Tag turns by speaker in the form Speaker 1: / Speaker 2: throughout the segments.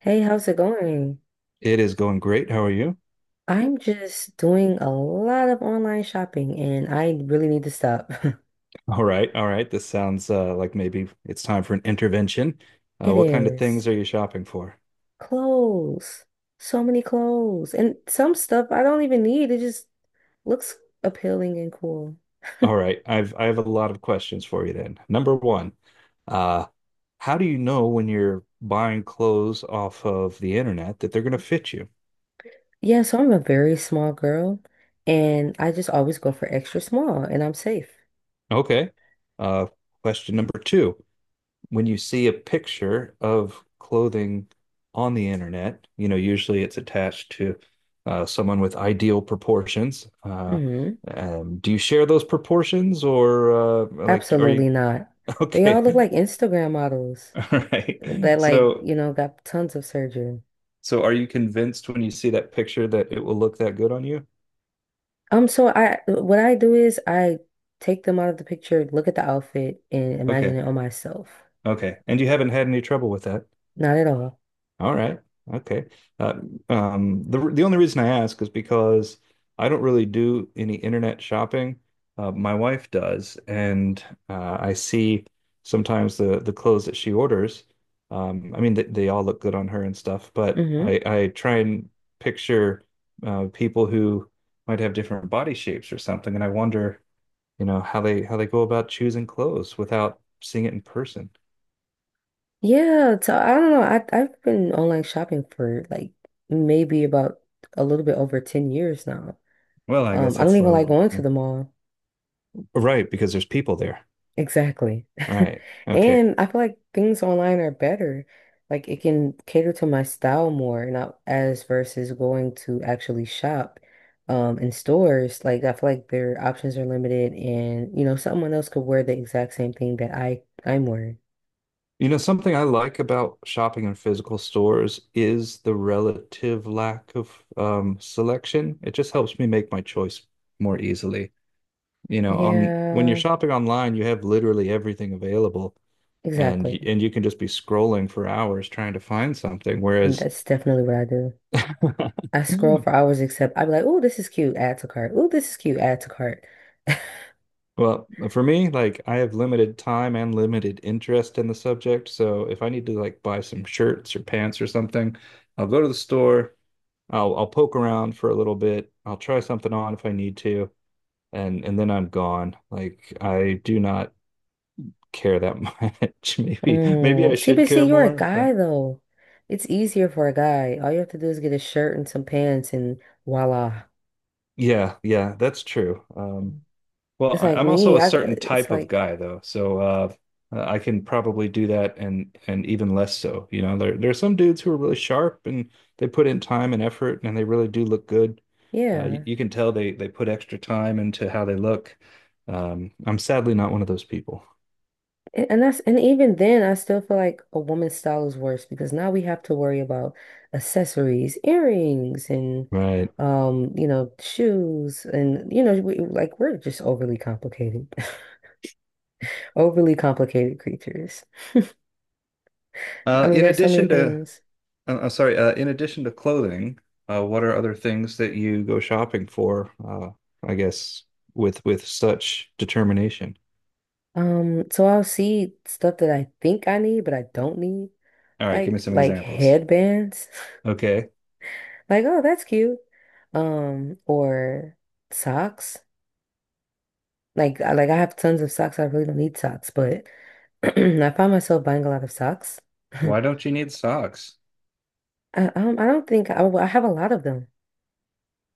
Speaker 1: Hey, how's it going?
Speaker 2: It is going great. How are you?
Speaker 1: I'm just doing a lot of online shopping and I really need to stop.
Speaker 2: All right, all right. This sounds like maybe it's time for an intervention.
Speaker 1: It
Speaker 2: What kind of things
Speaker 1: is
Speaker 2: are you shopping for?
Speaker 1: clothes. So many clothes. And some stuff I don't even need. It just looks appealing and cool.
Speaker 2: All right, I have a lot of questions for you then. Number one, uh, how do you know when you're buying clothes off of the internet that they're going to fit you?
Speaker 1: Yeah, so I'm a very small girl and I just always go for extra small and I'm safe.
Speaker 2: Okay. Uh, Question number two, when you see a picture of clothing on the internet, usually it's attached to someone with ideal proportions.
Speaker 1: Hmm.
Speaker 2: Do you share those proportions or like are you
Speaker 1: Absolutely not. They all look
Speaker 2: okay?
Speaker 1: like Instagram models
Speaker 2: All right.
Speaker 1: that like,
Speaker 2: So
Speaker 1: got tons of surgery.
Speaker 2: so are you convinced when you see that picture that it will look that good on you?
Speaker 1: So I what I do is I take them out of the picture, look at the outfit, and imagine
Speaker 2: Okay.
Speaker 1: it on myself.
Speaker 2: Okay. And you haven't had any trouble with that?
Speaker 1: Not at all.
Speaker 2: All right. Okay. Uh, the only reason I ask is because I don't really do any internet shopping. My wife does, and I see sometimes the clothes that she orders. I mean, they all look good on her and stuff, but
Speaker 1: Hmm.
Speaker 2: I try and picture people who might have different body shapes or something, and I wonder, how they go about choosing clothes without seeing it in person.
Speaker 1: Yeah, so I don't know. I've been online shopping for like maybe about a little bit over 10 years now.
Speaker 2: Well, I guess
Speaker 1: I don't
Speaker 2: that's
Speaker 1: even like
Speaker 2: level.
Speaker 1: going to the mall.
Speaker 2: Right, because there's people there.
Speaker 1: Exactly.
Speaker 2: All right. Okay.
Speaker 1: And I feel like things online are better. Like it can cater to my style more, not as versus going to actually shop in stores. Like I feel like their options are limited and someone else could wear the exact same thing that I'm wearing.
Speaker 2: You know, something I like about shopping in physical stores is the relative lack of selection. It just helps me make my choice more easily. On when you're
Speaker 1: Yeah,
Speaker 2: shopping online, you have literally everything available, and
Speaker 1: exactly.
Speaker 2: and you can just be scrolling for hours trying to find something.
Speaker 1: And
Speaker 2: Whereas,
Speaker 1: that's definitely what I do. I scroll for hours except I'd be like, oh, this is cute, add to cart. Oh, this is cute, add to cart.
Speaker 2: well, for me, like I have limited time and limited interest in the subject. So if I need to like buy some shirts or pants or something, I'll go to the store. I'll poke around for a little bit. I'll try something on if I need to, and then I'm gone. Like I do not care that much. Maybe
Speaker 1: Oh,
Speaker 2: I
Speaker 1: see,
Speaker 2: should
Speaker 1: but
Speaker 2: care
Speaker 1: see, you're a
Speaker 2: more, but
Speaker 1: guy though. It's easier for a guy. All you have to do is get a shirt and some pants, and voila.
Speaker 2: yeah, yeah, that's true. Well,
Speaker 1: It's like
Speaker 2: I'm also
Speaker 1: me.
Speaker 2: a
Speaker 1: I.
Speaker 2: certain
Speaker 1: It's
Speaker 2: type of
Speaker 1: like
Speaker 2: guy though, so I can probably do that and even less so. You know, there are some dudes who are really sharp and they put in time and effort and they really do look good.
Speaker 1: yeah,
Speaker 2: You can tell they put extra time into how they look. I'm sadly not one of those people.
Speaker 1: and even then, I still feel like a woman's style is worse because now we have to worry about accessories, earrings, and
Speaker 2: Right.
Speaker 1: shoes, and like we're just overly complicated, overly complicated creatures. I
Speaker 2: Uh,
Speaker 1: mean,
Speaker 2: in
Speaker 1: there's so many
Speaker 2: addition to,
Speaker 1: things.
Speaker 2: I'm sorry, in addition to clothing, what are other things that you go shopping for? I guess with such determination.
Speaker 1: So I'll see stuff that I think I need, but I don't need,
Speaker 2: All right, give me
Speaker 1: like
Speaker 2: some
Speaker 1: like
Speaker 2: examples.
Speaker 1: headbands.
Speaker 2: Okay.
Speaker 1: Like, oh, that's cute. Or socks. Like I have tons of socks. I really don't need socks, but I find myself buying a lot of socks. I
Speaker 2: Why don't you need socks?
Speaker 1: I don't think well, I have a lot of them.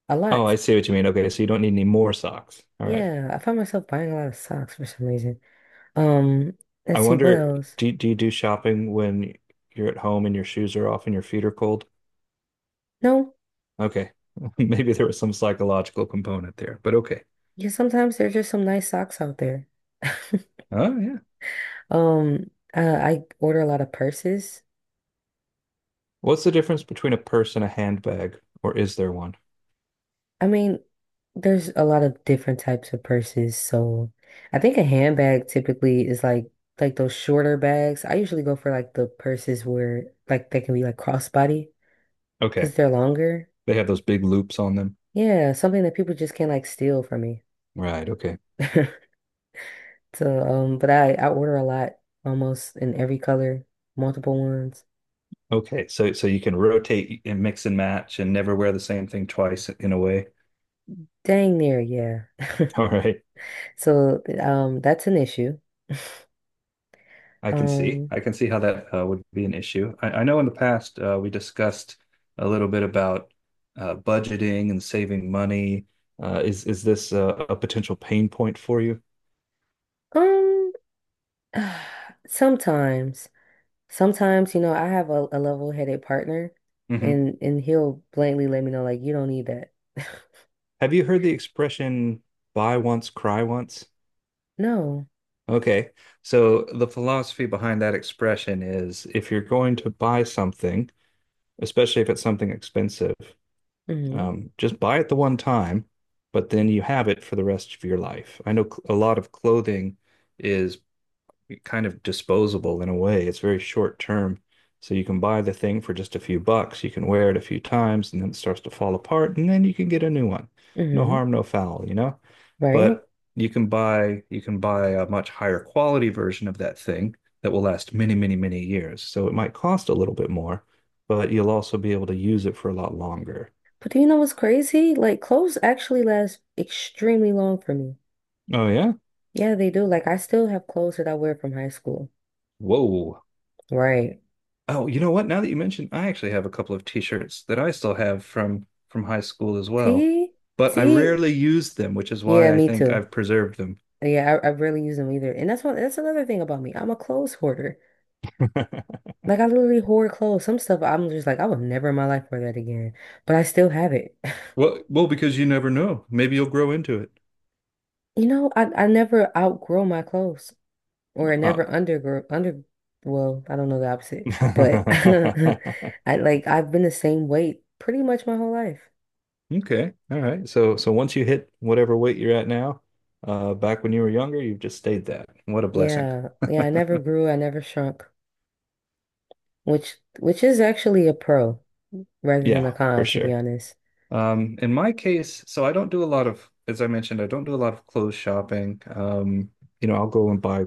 Speaker 1: A
Speaker 2: Oh,
Speaker 1: lot.
Speaker 2: I see what you mean. Okay, so you don't need any more socks. All right.
Speaker 1: Yeah, I find myself buying a lot of socks for some reason. Um,
Speaker 2: I
Speaker 1: let's see what
Speaker 2: wonder,
Speaker 1: else.
Speaker 2: do you do shopping when you're at home and your shoes are off and your feet are cold?
Speaker 1: No,
Speaker 2: Okay. Maybe there was some psychological component there, but okay.
Speaker 1: yeah, sometimes there's just some nice socks out there.
Speaker 2: Oh, yeah.
Speaker 1: Um, I order a lot of purses.
Speaker 2: What's the difference between a purse and a handbag, or is there one?
Speaker 1: I mean, there's a lot of different types of purses, so I think a handbag typically is like those shorter bags. I usually go for like the purses where like they can be like crossbody
Speaker 2: Okay.
Speaker 1: because they're longer.
Speaker 2: They have those big loops on them.
Speaker 1: Yeah, something that people just can't like steal from me.
Speaker 2: Right. Okay.
Speaker 1: So, but I order a lot, almost in every color, multiple ones.
Speaker 2: Okay. So you can rotate and mix and match and never wear the same thing twice in a way.
Speaker 1: Dang near, yeah.
Speaker 2: All right.
Speaker 1: So, that's an issue.
Speaker 2: I can see.
Speaker 1: Um.
Speaker 2: I can see how that would be an issue. I know in the past we discussed a little bit about budgeting and saving money. Is this a potential pain point for you?
Speaker 1: Um, Sometimes, sometimes, I have a level-headed partner
Speaker 2: Hmm.
Speaker 1: and he'll blatantly let me know like you don't need that.
Speaker 2: Have you heard the expression buy once, cry once?
Speaker 1: No.
Speaker 2: Okay. So the philosophy behind that expression is if you're going to buy something, especially if it's something expensive.
Speaker 1: Mm-hmm.
Speaker 2: Just buy it the one time, but then you have it for the rest of your life. I know a lot of clothing is kind of disposable in a way. It's very short term. So you can buy the thing for just a few bucks. You can wear it a few times and then it starts to fall apart and then you can get a new one. No
Speaker 1: Mm-hmm.
Speaker 2: harm, no foul, you know?
Speaker 1: Right?
Speaker 2: But you can buy a much higher quality version of that thing that will last many, many, many years. So it might cost a little bit more, but you'll also be able to use it for a lot longer.
Speaker 1: But do you know what's crazy? Like clothes actually last extremely long for me.
Speaker 2: Oh yeah.
Speaker 1: Yeah, they do. Like I still have clothes that I wear from high school.
Speaker 2: Whoa.
Speaker 1: Right.
Speaker 2: Oh, you know what? Now that you mention, I actually have a couple of t-shirts that I still have from high school as well,
Speaker 1: See?
Speaker 2: but I
Speaker 1: See?
Speaker 2: rarely use them, which is
Speaker 1: Yeah,
Speaker 2: why I
Speaker 1: me
Speaker 2: think
Speaker 1: too.
Speaker 2: I've preserved them.
Speaker 1: Yeah, I rarely use them either. And that's another thing about me. I'm a clothes hoarder. Like I literally hoard clothes. Some stuff I'm just like, I would never in my life wear that again. But I still have it.
Speaker 2: Well, well, because you never know. Maybe you'll grow into it.
Speaker 1: I never outgrow my clothes or I never
Speaker 2: Oh.
Speaker 1: undergrow under well, I don't know the opposite, but I like I've been the same weight pretty much my whole life.
Speaker 2: Okay. All right. So once you hit whatever weight you're at now, back when you were younger, you've just stayed that. What a blessing.
Speaker 1: Yeah. Yeah, I never grew, I never shrunk, which is actually a pro rather than a
Speaker 2: Yeah, for
Speaker 1: con, to be
Speaker 2: sure.
Speaker 1: honest.
Speaker 2: In my case, so I don't do a lot of, as I mentioned, I don't do a lot of clothes shopping. You know, I'll go and buy,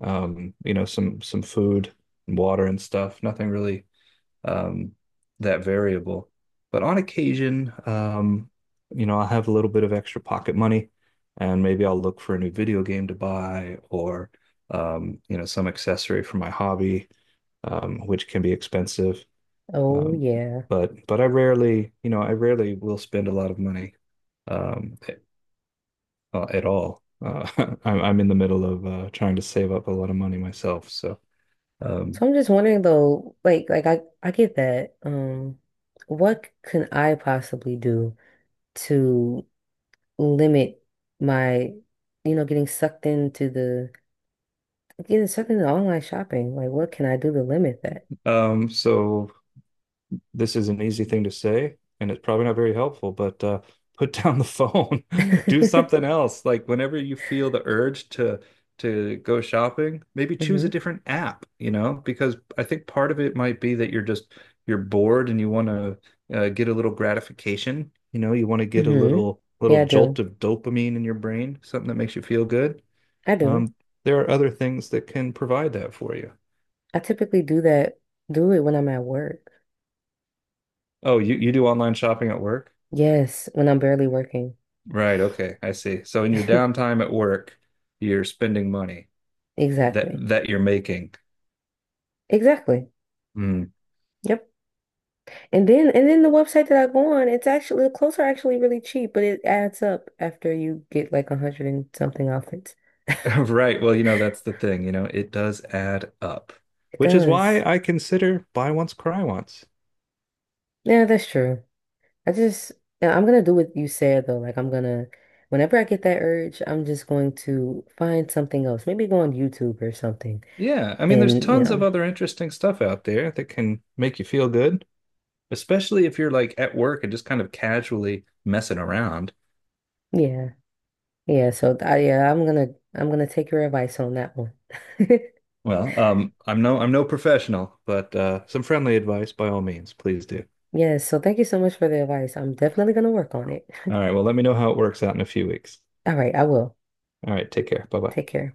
Speaker 2: you know, some food and water and stuff. Nothing really, um, that variable. But on occasion, you know, I'll have a little bit of extra pocket money, and maybe I'll look for a new video game to buy or, you know, some accessory for my hobby, which can be expensive.
Speaker 1: Oh
Speaker 2: Um,
Speaker 1: yeah.
Speaker 2: but I rarely, you know, I rarely will spend a lot of money um, at, at all. I'm in the middle of trying to save up a lot of money myself. Um,
Speaker 1: So I'm just wondering though, like I get that. What can I possibly do to limit my, getting sucked into online shopping? Like, what can I do to limit that?
Speaker 2: so this is an easy thing to say, and it's probably not very helpful, but put down the phone, do something else. Like whenever you feel the urge to go shopping, maybe choose a
Speaker 1: Hmm.
Speaker 2: different app, you know, because I think part of it might be that you're just you're bored and you want to get a little gratification, you know, you want to get a
Speaker 1: Hmm. Yeah, I
Speaker 2: little jolt
Speaker 1: do.
Speaker 2: of dopamine in your brain, something that makes you feel good.
Speaker 1: I do.
Speaker 2: Um, there are other things that can provide that for you.
Speaker 1: I typically do that, do it when I'm at work.
Speaker 2: Oh, you do online shopping at work?
Speaker 1: Yes, when I'm barely working.
Speaker 2: Right, okay, I see. So in your downtime at work, you're spending money
Speaker 1: Exactly.
Speaker 2: that you're making.
Speaker 1: Exactly.
Speaker 2: Hmm.
Speaker 1: Yep. And then the website that I go on, it's actually the clothes are actually really cheap, but it adds up after you get like a hundred and something outfits.
Speaker 2: Right. Well, you know, that's the thing, you know, it does add up.
Speaker 1: It
Speaker 2: Which is
Speaker 1: does.
Speaker 2: why I consider buy once, cry once.
Speaker 1: Yeah, that's true. I just, yeah, I'm gonna do what you said though. Like, whenever I get that urge, I'm just going to find something else. Maybe go on YouTube or something.
Speaker 2: Yeah, I mean, there's
Speaker 1: And
Speaker 2: tons of other interesting stuff out there that can make you feel good, especially if you're like at work and just kind of casually messing around.
Speaker 1: yeah, yeah. So yeah, I'm gonna take your advice on that one.
Speaker 2: Well, I'm no professional, but some friendly advice by all means, please do.
Speaker 1: Yes. So thank you so much for the advice. I'm definitely gonna work on it.
Speaker 2: All right, well, let me know how it works out in a few weeks.
Speaker 1: All right, I will.
Speaker 2: All right. Take care. Bye bye.
Speaker 1: Take care.